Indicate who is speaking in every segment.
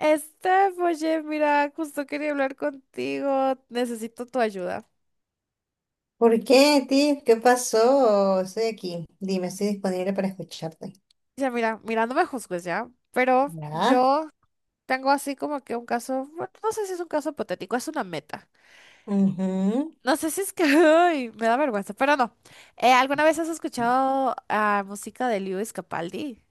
Speaker 1: Steph, oye, mira, justo quería hablar contigo. Necesito tu ayuda.
Speaker 2: ¿Por qué, Tiff? ¿Qué pasó? Estoy aquí. Dime, estoy disponible para escucharte.
Speaker 1: Ya, mira, no me juzgues ya, pero
Speaker 2: ¿Verdad?
Speaker 1: yo tengo así como que un caso, bueno, no sé si es un caso hipotético, es una meta.
Speaker 2: Ujú.
Speaker 1: No sé si es que, ay, me da vergüenza, pero no. ¿Alguna vez has escuchado música de Lewis Capaldi?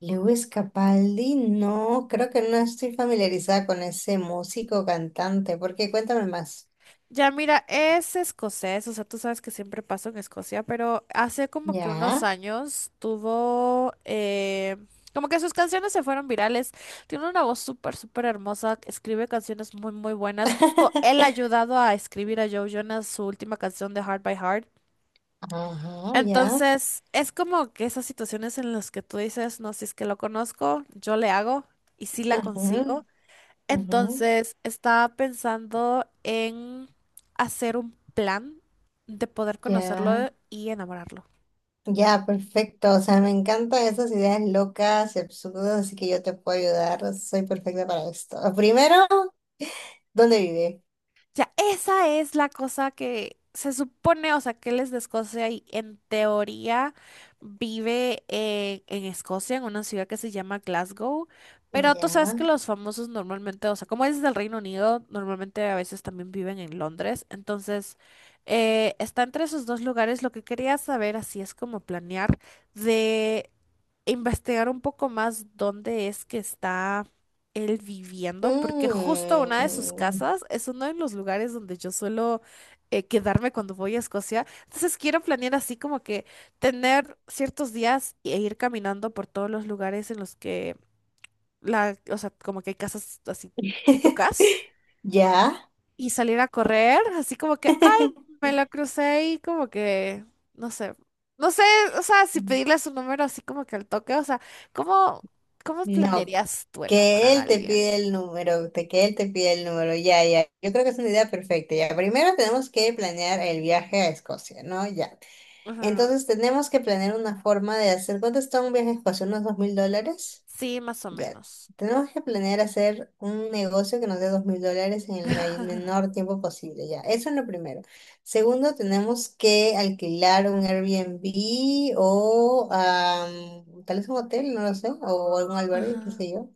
Speaker 2: Lewis Capaldi, no, creo que no estoy familiarizada con ese músico cantante. ¿Por qué? Cuéntame más.
Speaker 1: Ya mira, es escocés, o sea, tú sabes que siempre pasó en Escocia, pero hace como que unos
Speaker 2: ¿Ya?
Speaker 1: años tuvo, como que sus canciones se fueron virales. Tiene una voz súper, súper hermosa, escribe canciones muy, muy buenas. Justo él ha ayudado a escribir a Joe Jonas su última canción de Heart by Heart.
Speaker 2: Ajá, ya.
Speaker 1: Entonces, es como que esas situaciones en las que tú dices, no, si es que lo conozco, yo le hago y sí la
Speaker 2: Ajá,
Speaker 1: consigo.
Speaker 2: ajá,
Speaker 1: Entonces, estaba pensando en hacer un plan de poder conocerlo
Speaker 2: ya.
Speaker 1: y enamorarlo.
Speaker 2: Ya, perfecto. O sea, me encantan esas ideas locas y absurdas, así que yo te puedo ayudar. Soy perfecta para esto. Primero, ¿dónde vive?
Speaker 1: Sea, esa es la cosa que se supone, o sea, que él es de Escocia y en teoría vive en Escocia, en una ciudad que se llama Glasgow. Pero tú sabes
Speaker 2: Ya.
Speaker 1: que los famosos normalmente, o sea, como es del Reino Unido, normalmente a veces también viven en Londres. Entonces, está entre esos dos lugares. Lo que quería saber, así es como planear, de investigar un poco más dónde es que está él viviendo, porque justo una de sus
Speaker 2: Mm,
Speaker 1: casas es uno de los lugares donde yo suelo quedarme cuando voy a Escocia. Entonces quiero planear así como que tener ciertos días e ir caminando por todos los lugares en los que la, o sea, como que hay casas así pitucas
Speaker 2: ya.
Speaker 1: y salir a correr, así como que, ay, me la crucé y como que, no sé, no sé, o sea, si pedirle su número así como que al toque, o sea, ¿cómo, cómo
Speaker 2: No,
Speaker 1: planearías tú
Speaker 2: que
Speaker 1: enamorar a
Speaker 2: él te
Speaker 1: alguien?
Speaker 2: pide el número, ya, ya. Yo creo que es una idea perfecta, ya. Primero tenemos que planear el viaje a Escocia, ¿no? Ya.
Speaker 1: Ujú.
Speaker 2: Entonces tenemos que planear una forma de hacer, ¿cuánto está un viaje a Escocia? ¿Unos $2,000?
Speaker 1: Sí, más o
Speaker 2: Ya,
Speaker 1: menos.
Speaker 2: tenemos que planear hacer un negocio que nos dé $2,000 en el menor tiempo posible, ya. Eso es lo primero. Segundo, tenemos que alquilar un Airbnb o tal vez un hotel, no lo sé, o algún albergue, qué
Speaker 1: Ajá,
Speaker 2: sé yo,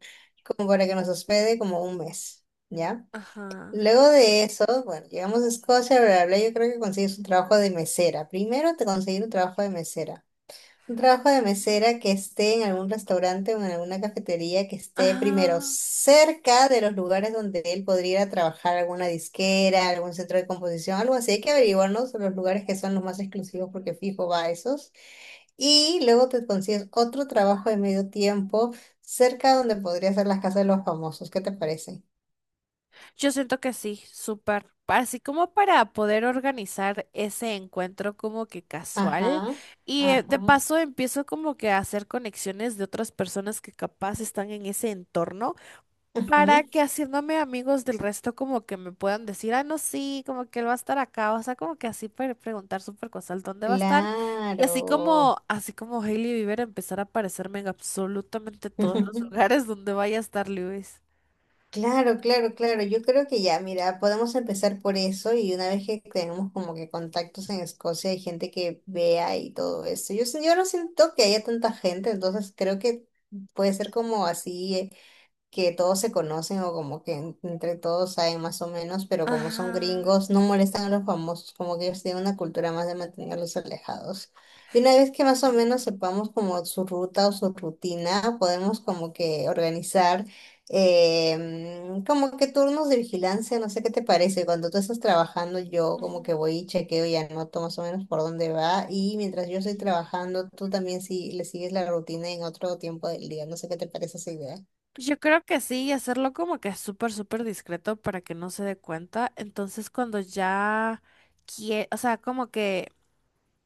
Speaker 2: como para que nos hospede como un mes, ¿ya?
Speaker 1: ajá.
Speaker 2: Luego de eso, bueno, llegamos a Escocia, bla, bla, bla, yo creo que consigues un trabajo de mesera. Primero te conseguir un trabajo de mesera. Un trabajo de
Speaker 1: Mm.
Speaker 2: mesera que esté en algún restaurante o en alguna cafetería que esté primero
Speaker 1: Ajá.
Speaker 2: cerca de los lugares donde él podría ir a trabajar, alguna disquera, algún centro de composición, algo así. Hay que averiguarnos los lugares que son los más exclusivos porque fijo va a esos. Y luego te consigues otro trabajo de medio tiempo cerca donde podría ser las casas de los famosos. ¿Qué te parece?
Speaker 1: Yo siento que sí, súper. Así como para poder organizar ese encuentro como que casual.
Speaker 2: Ajá,
Speaker 1: Y de
Speaker 2: ajá,
Speaker 1: paso empiezo como que a hacer conexiones de otras personas que capaz están en ese entorno para
Speaker 2: ujú,
Speaker 1: que haciéndome amigos del resto como que me puedan decir, ah, no, sí, como que él va a estar acá, o sea, como que así preguntar súper cosas, ¿dónde va a estar? Y
Speaker 2: claro.
Speaker 1: así como Hailey Bieber empezar a aparecerme en absolutamente todos los lugares donde vaya a estar Lewis.
Speaker 2: Claro, claro, claro. Yo creo que ya, mira, podemos empezar por eso y una vez que tenemos como que contactos en Escocia, hay gente que vea y todo eso. Yo no siento que haya tanta gente, entonces creo que puede ser como así. Que todos se conocen o como que entre todos saben más o menos, pero como son
Speaker 1: Ajá.
Speaker 2: gringos, no molestan a los famosos, como que ellos tienen una cultura más de mantenerlos alejados. Y una vez que más o
Speaker 1: Sí,
Speaker 2: menos sepamos como su ruta o su rutina, podemos como que organizar como que turnos de vigilancia, no sé qué te parece. Cuando tú estás trabajando, yo como
Speaker 1: ujú,
Speaker 2: que voy y chequeo y anoto más o menos por dónde va. Y mientras yo estoy
Speaker 1: sí.
Speaker 2: trabajando, tú también si le sigues la rutina en otro tiempo del día. No sé qué te parece esa idea.
Speaker 1: Yo creo que sí, y hacerlo como que súper, súper discreto para que no se dé cuenta. Entonces, cuando ya quiere, o sea, como que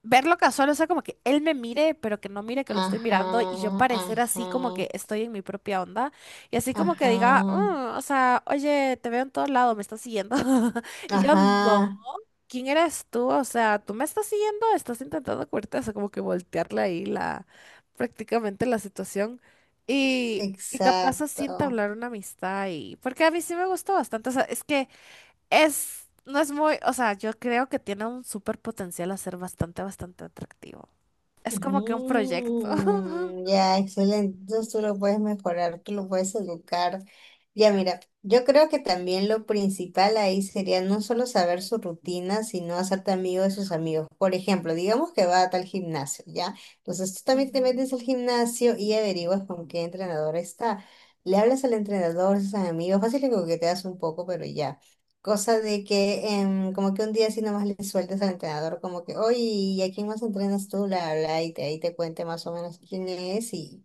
Speaker 1: verlo casual, o sea, como que él me mire, pero que no mire que lo estoy mirando y yo
Speaker 2: Ajá,
Speaker 1: parecer así como
Speaker 2: ajá,
Speaker 1: que estoy en mi propia onda y así como que diga,
Speaker 2: ajá,
Speaker 1: "Mm, o sea, oye, te veo en todos lados, me estás siguiendo". Y yo, no,
Speaker 2: ajá,
Speaker 1: ¿quién eres tú? O sea, tú me estás siguiendo, estás intentando cubrirte, o sea, como que voltearle ahí la, prácticamente la situación y... Y capaz así
Speaker 2: exacto.
Speaker 1: entablar una amistad y... Porque a mí sí me gustó bastante. O sea, es que es, no es muy, o sea, yo creo que tiene un súper potencial a ser bastante, bastante atractivo. Es como que un proyecto.
Speaker 2: Mm, ya, excelente. Entonces tú lo puedes mejorar, tú lo puedes educar. Ya mira, yo creo que también lo principal ahí sería no solo saber su rutina, sino hacerte amigo de sus amigos. Por ejemplo, digamos que va a tal gimnasio, ¿ya? Entonces tú también te metes
Speaker 1: Ujú.
Speaker 2: al gimnasio y averiguas con qué entrenador está. Le hablas al entrenador, a sus amigos, fácil que coqueteas un poco, pero ya. Cosa de que como que un día así nomás le sueltas al entrenador como que, oye, ¿y a quién más entrenas tú? La, bla, bla", y te, ahí te cuente más o menos quién es y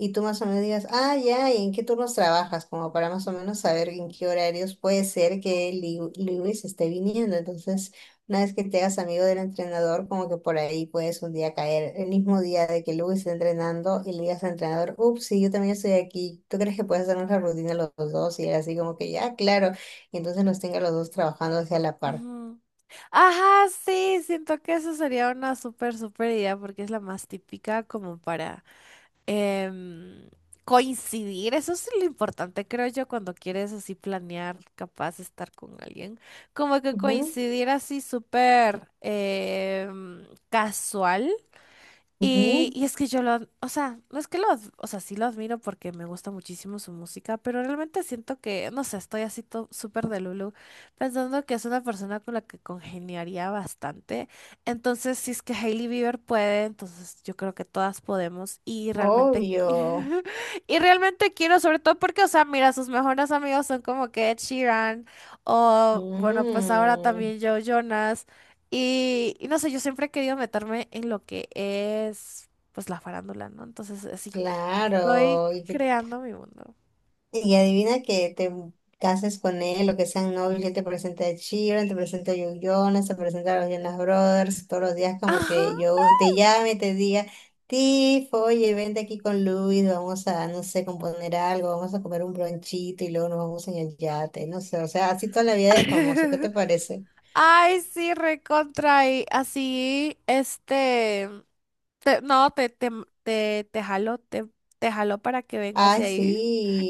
Speaker 2: y tú más o menos digas, ah, ya, ¿y en qué turnos trabajas? Como para más o menos saber en qué horarios puede ser que Lewis esté viniendo. Entonces, una vez que te hagas amigo del entrenador, como que por ahí puedes un día caer, el mismo día de que Lewis esté entrenando y le digas al entrenador, ups, sí, yo también estoy aquí, ¿tú crees que puedes hacer una rutina los dos? Y él así como que, ya, claro, y entonces los tenga los dos trabajando hacia la par.
Speaker 1: Ujú. Ajá, sí, siento que eso sería una súper, súper idea porque es la más típica como para em, coincidir. Eso es lo importante, creo yo, cuando quieres así planear, capaz de estar con alguien. Como que
Speaker 2: Ujú,
Speaker 1: coincidir así súper casual. Y,
Speaker 2: ujú,
Speaker 1: y es que yo lo, o sea, no es que lo, o sea, sí lo admiro porque me gusta muchísimo su música, pero realmente siento que, no sé, estoy así súper de Lulu, pensando que es una persona con la que congeniaría bastante. Entonces, si es que Hailey Bieber puede, entonces yo creo que todas podemos y realmente,
Speaker 2: obvio.
Speaker 1: qui- y realmente quiero, sobre todo porque, o sea, mira, sus mejores amigos son como que Ed Sheeran o, bueno, pues ahora
Speaker 2: Mm,
Speaker 1: también Joe Jonas. Y no sé, yo siempre he querido meterme en lo que es, pues, la farándula, ¿no? Entonces, así, estoy
Speaker 2: claro. ¿Y qué?
Speaker 1: creando mi mundo.
Speaker 2: Y adivina que te cases con él o que sean novios, él te presenta a Chiron, te presenta a Joe Jonas, te presenta a los Jonas Brothers, todos los días como
Speaker 1: Ajá.
Speaker 2: que yo te llame, te diga, Tifo, oye, vente aquí con Luis, vamos a, no sé, componer algo, vamos a comer un bronchito y luego nos vamos en el yate, no sé, o sea, así toda la vida de famoso, ¿qué te parece?
Speaker 1: Ay, sí, recontra. Y así, este. No, te jalo, te jalo para que vengas de
Speaker 2: Ay,
Speaker 1: ahí.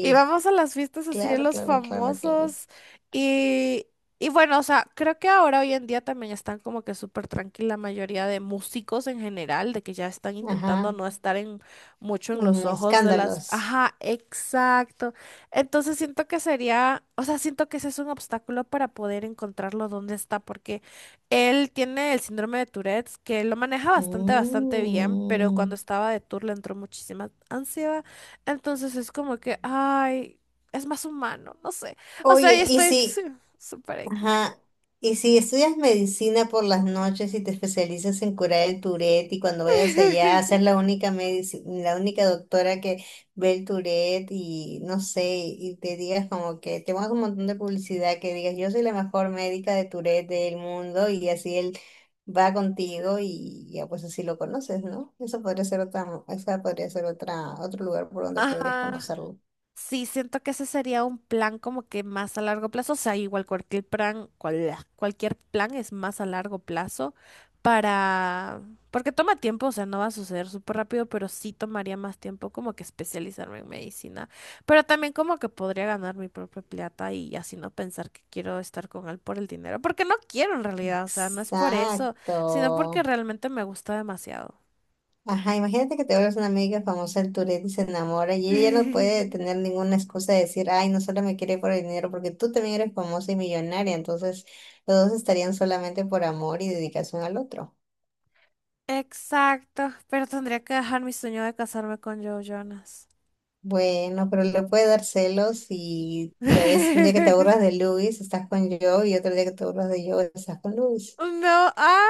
Speaker 1: Y vamos a las fiestas así de
Speaker 2: claro,
Speaker 1: los
Speaker 2: claro, claro, claro.
Speaker 1: famosos. Y, y bueno, o sea, creo que ahora hoy en día también están como que súper tranquila la mayoría de músicos en general, de que ya están intentando
Speaker 2: Ajá,
Speaker 1: no estar en mucho en
Speaker 2: en
Speaker 1: los ojos de las...
Speaker 2: escándalos.
Speaker 1: Ajá, exacto. Entonces siento que sería, o sea, siento que ese es un obstáculo para poder encontrarlo dónde está, porque él tiene el síndrome de Tourette, que lo maneja bastante, bastante bien, pero cuando
Speaker 2: Mm.
Speaker 1: estaba de tour le entró muchísima ansiedad. Entonces es como que, ay, es más humano, no sé. O sea, yo
Speaker 2: Oye, y
Speaker 1: estoy
Speaker 2: si,
Speaker 1: súper X.
Speaker 2: ajá. Y si estudias medicina por las noches y te especializas en curar el Tourette y cuando vayas allá, ser la única la única doctora que ve el Tourette y no sé, y te digas como que te pongas un montón de publicidad que digas yo soy la mejor médica de Tourette del mundo y así él va contigo y ya pues así lo conoces, ¿no? Eso podría ser otra, esa podría ser otra, otro lugar por donde podrías
Speaker 1: Ajá.
Speaker 2: conocerlo.
Speaker 1: Sí, siento que ese sería un plan como que más a largo plazo, o sea, igual cualquier plan, cualquier plan es más a largo plazo para, porque toma tiempo, o sea, no va a suceder súper rápido, pero sí tomaría más tiempo como que especializarme en medicina, pero también como que podría ganar mi propia plata y así no pensar que quiero estar con él por el dinero, porque no quiero en realidad, o sea, no es por eso, sino porque
Speaker 2: Exacto.
Speaker 1: realmente me gusta demasiado.
Speaker 2: Ajá, imagínate que te vuelves una amiga famosa del Tourette y se enamora y ella ya no puede tener ninguna excusa de decir, ay, no solo me quiere por el dinero, porque tú también eres famosa y millonaria, entonces los dos estarían solamente por amor y dedicación al otro.
Speaker 1: Exacto, pero tendría que dejar mi sueño de casarme con Joe Jonas.
Speaker 2: Bueno, pero le puede dar celos y tal vez un día que te aburras de Luis estás con yo y otro día que te aburras de yo estás con Luis.
Speaker 1: No, ah,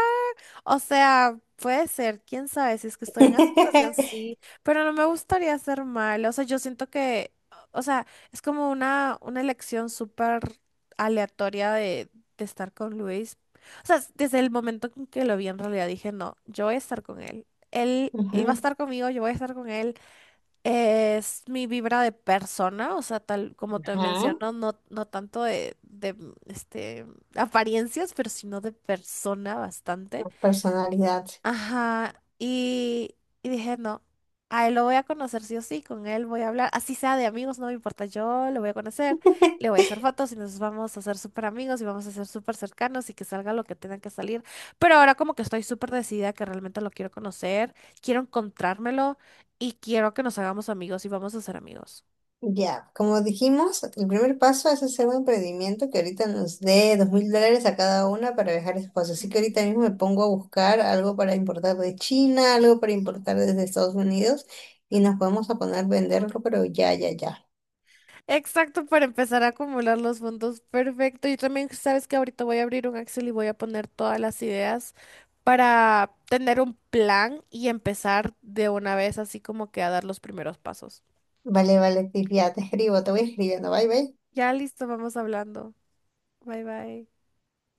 Speaker 1: o sea, puede ser, quién sabe, si es que estoy en aceptación, sí, pero no me gustaría hacer mal, o sea, yo siento que, o sea, es como una elección súper aleatoria de, estar con Luis, o sea, desde el momento en que lo vi en realidad dije, no, yo voy a estar con él, él va a
Speaker 2: Ujú.
Speaker 1: estar conmigo, yo voy a estar con él. Es mi vibra de persona, o sea, tal como te
Speaker 2: Ajá,
Speaker 1: menciono, no, no tanto de este, apariencias, pero sino de persona bastante.
Speaker 2: personalidad.
Speaker 1: Ajá, y dije, no, a él lo voy a conocer sí o sí, con él voy a hablar, así sea de amigos, no me importa, yo lo voy a conocer, le voy a hacer fotos y nos vamos a hacer súper amigos y vamos a ser súper cercanos y que salga lo que tenga que salir. Pero ahora como que estoy súper decidida que realmente lo quiero conocer, quiero encontrármelo y quiero que nos hagamos amigos y vamos a ser amigos.
Speaker 2: Ya, como dijimos, el primer paso es hacer un emprendimiento que ahorita nos dé dos mil dólares a cada una para viajar esposo. Así que ahorita mismo me pongo a buscar algo para importar de China, algo para importar desde Estados Unidos y nos podemos a poner a venderlo, pero ya, ya, ya.
Speaker 1: Exacto, para empezar a acumular los fondos. Perfecto. Yo también, sabes que ahorita voy a abrir un Excel y voy a poner todas las ideas para tener un plan y empezar de una vez, así como que a dar los primeros pasos.
Speaker 2: Vale, vale, Tiff, ya te escribo, te voy escribiendo. Bye, bye.
Speaker 1: Ya listo, vamos hablando. Bye bye.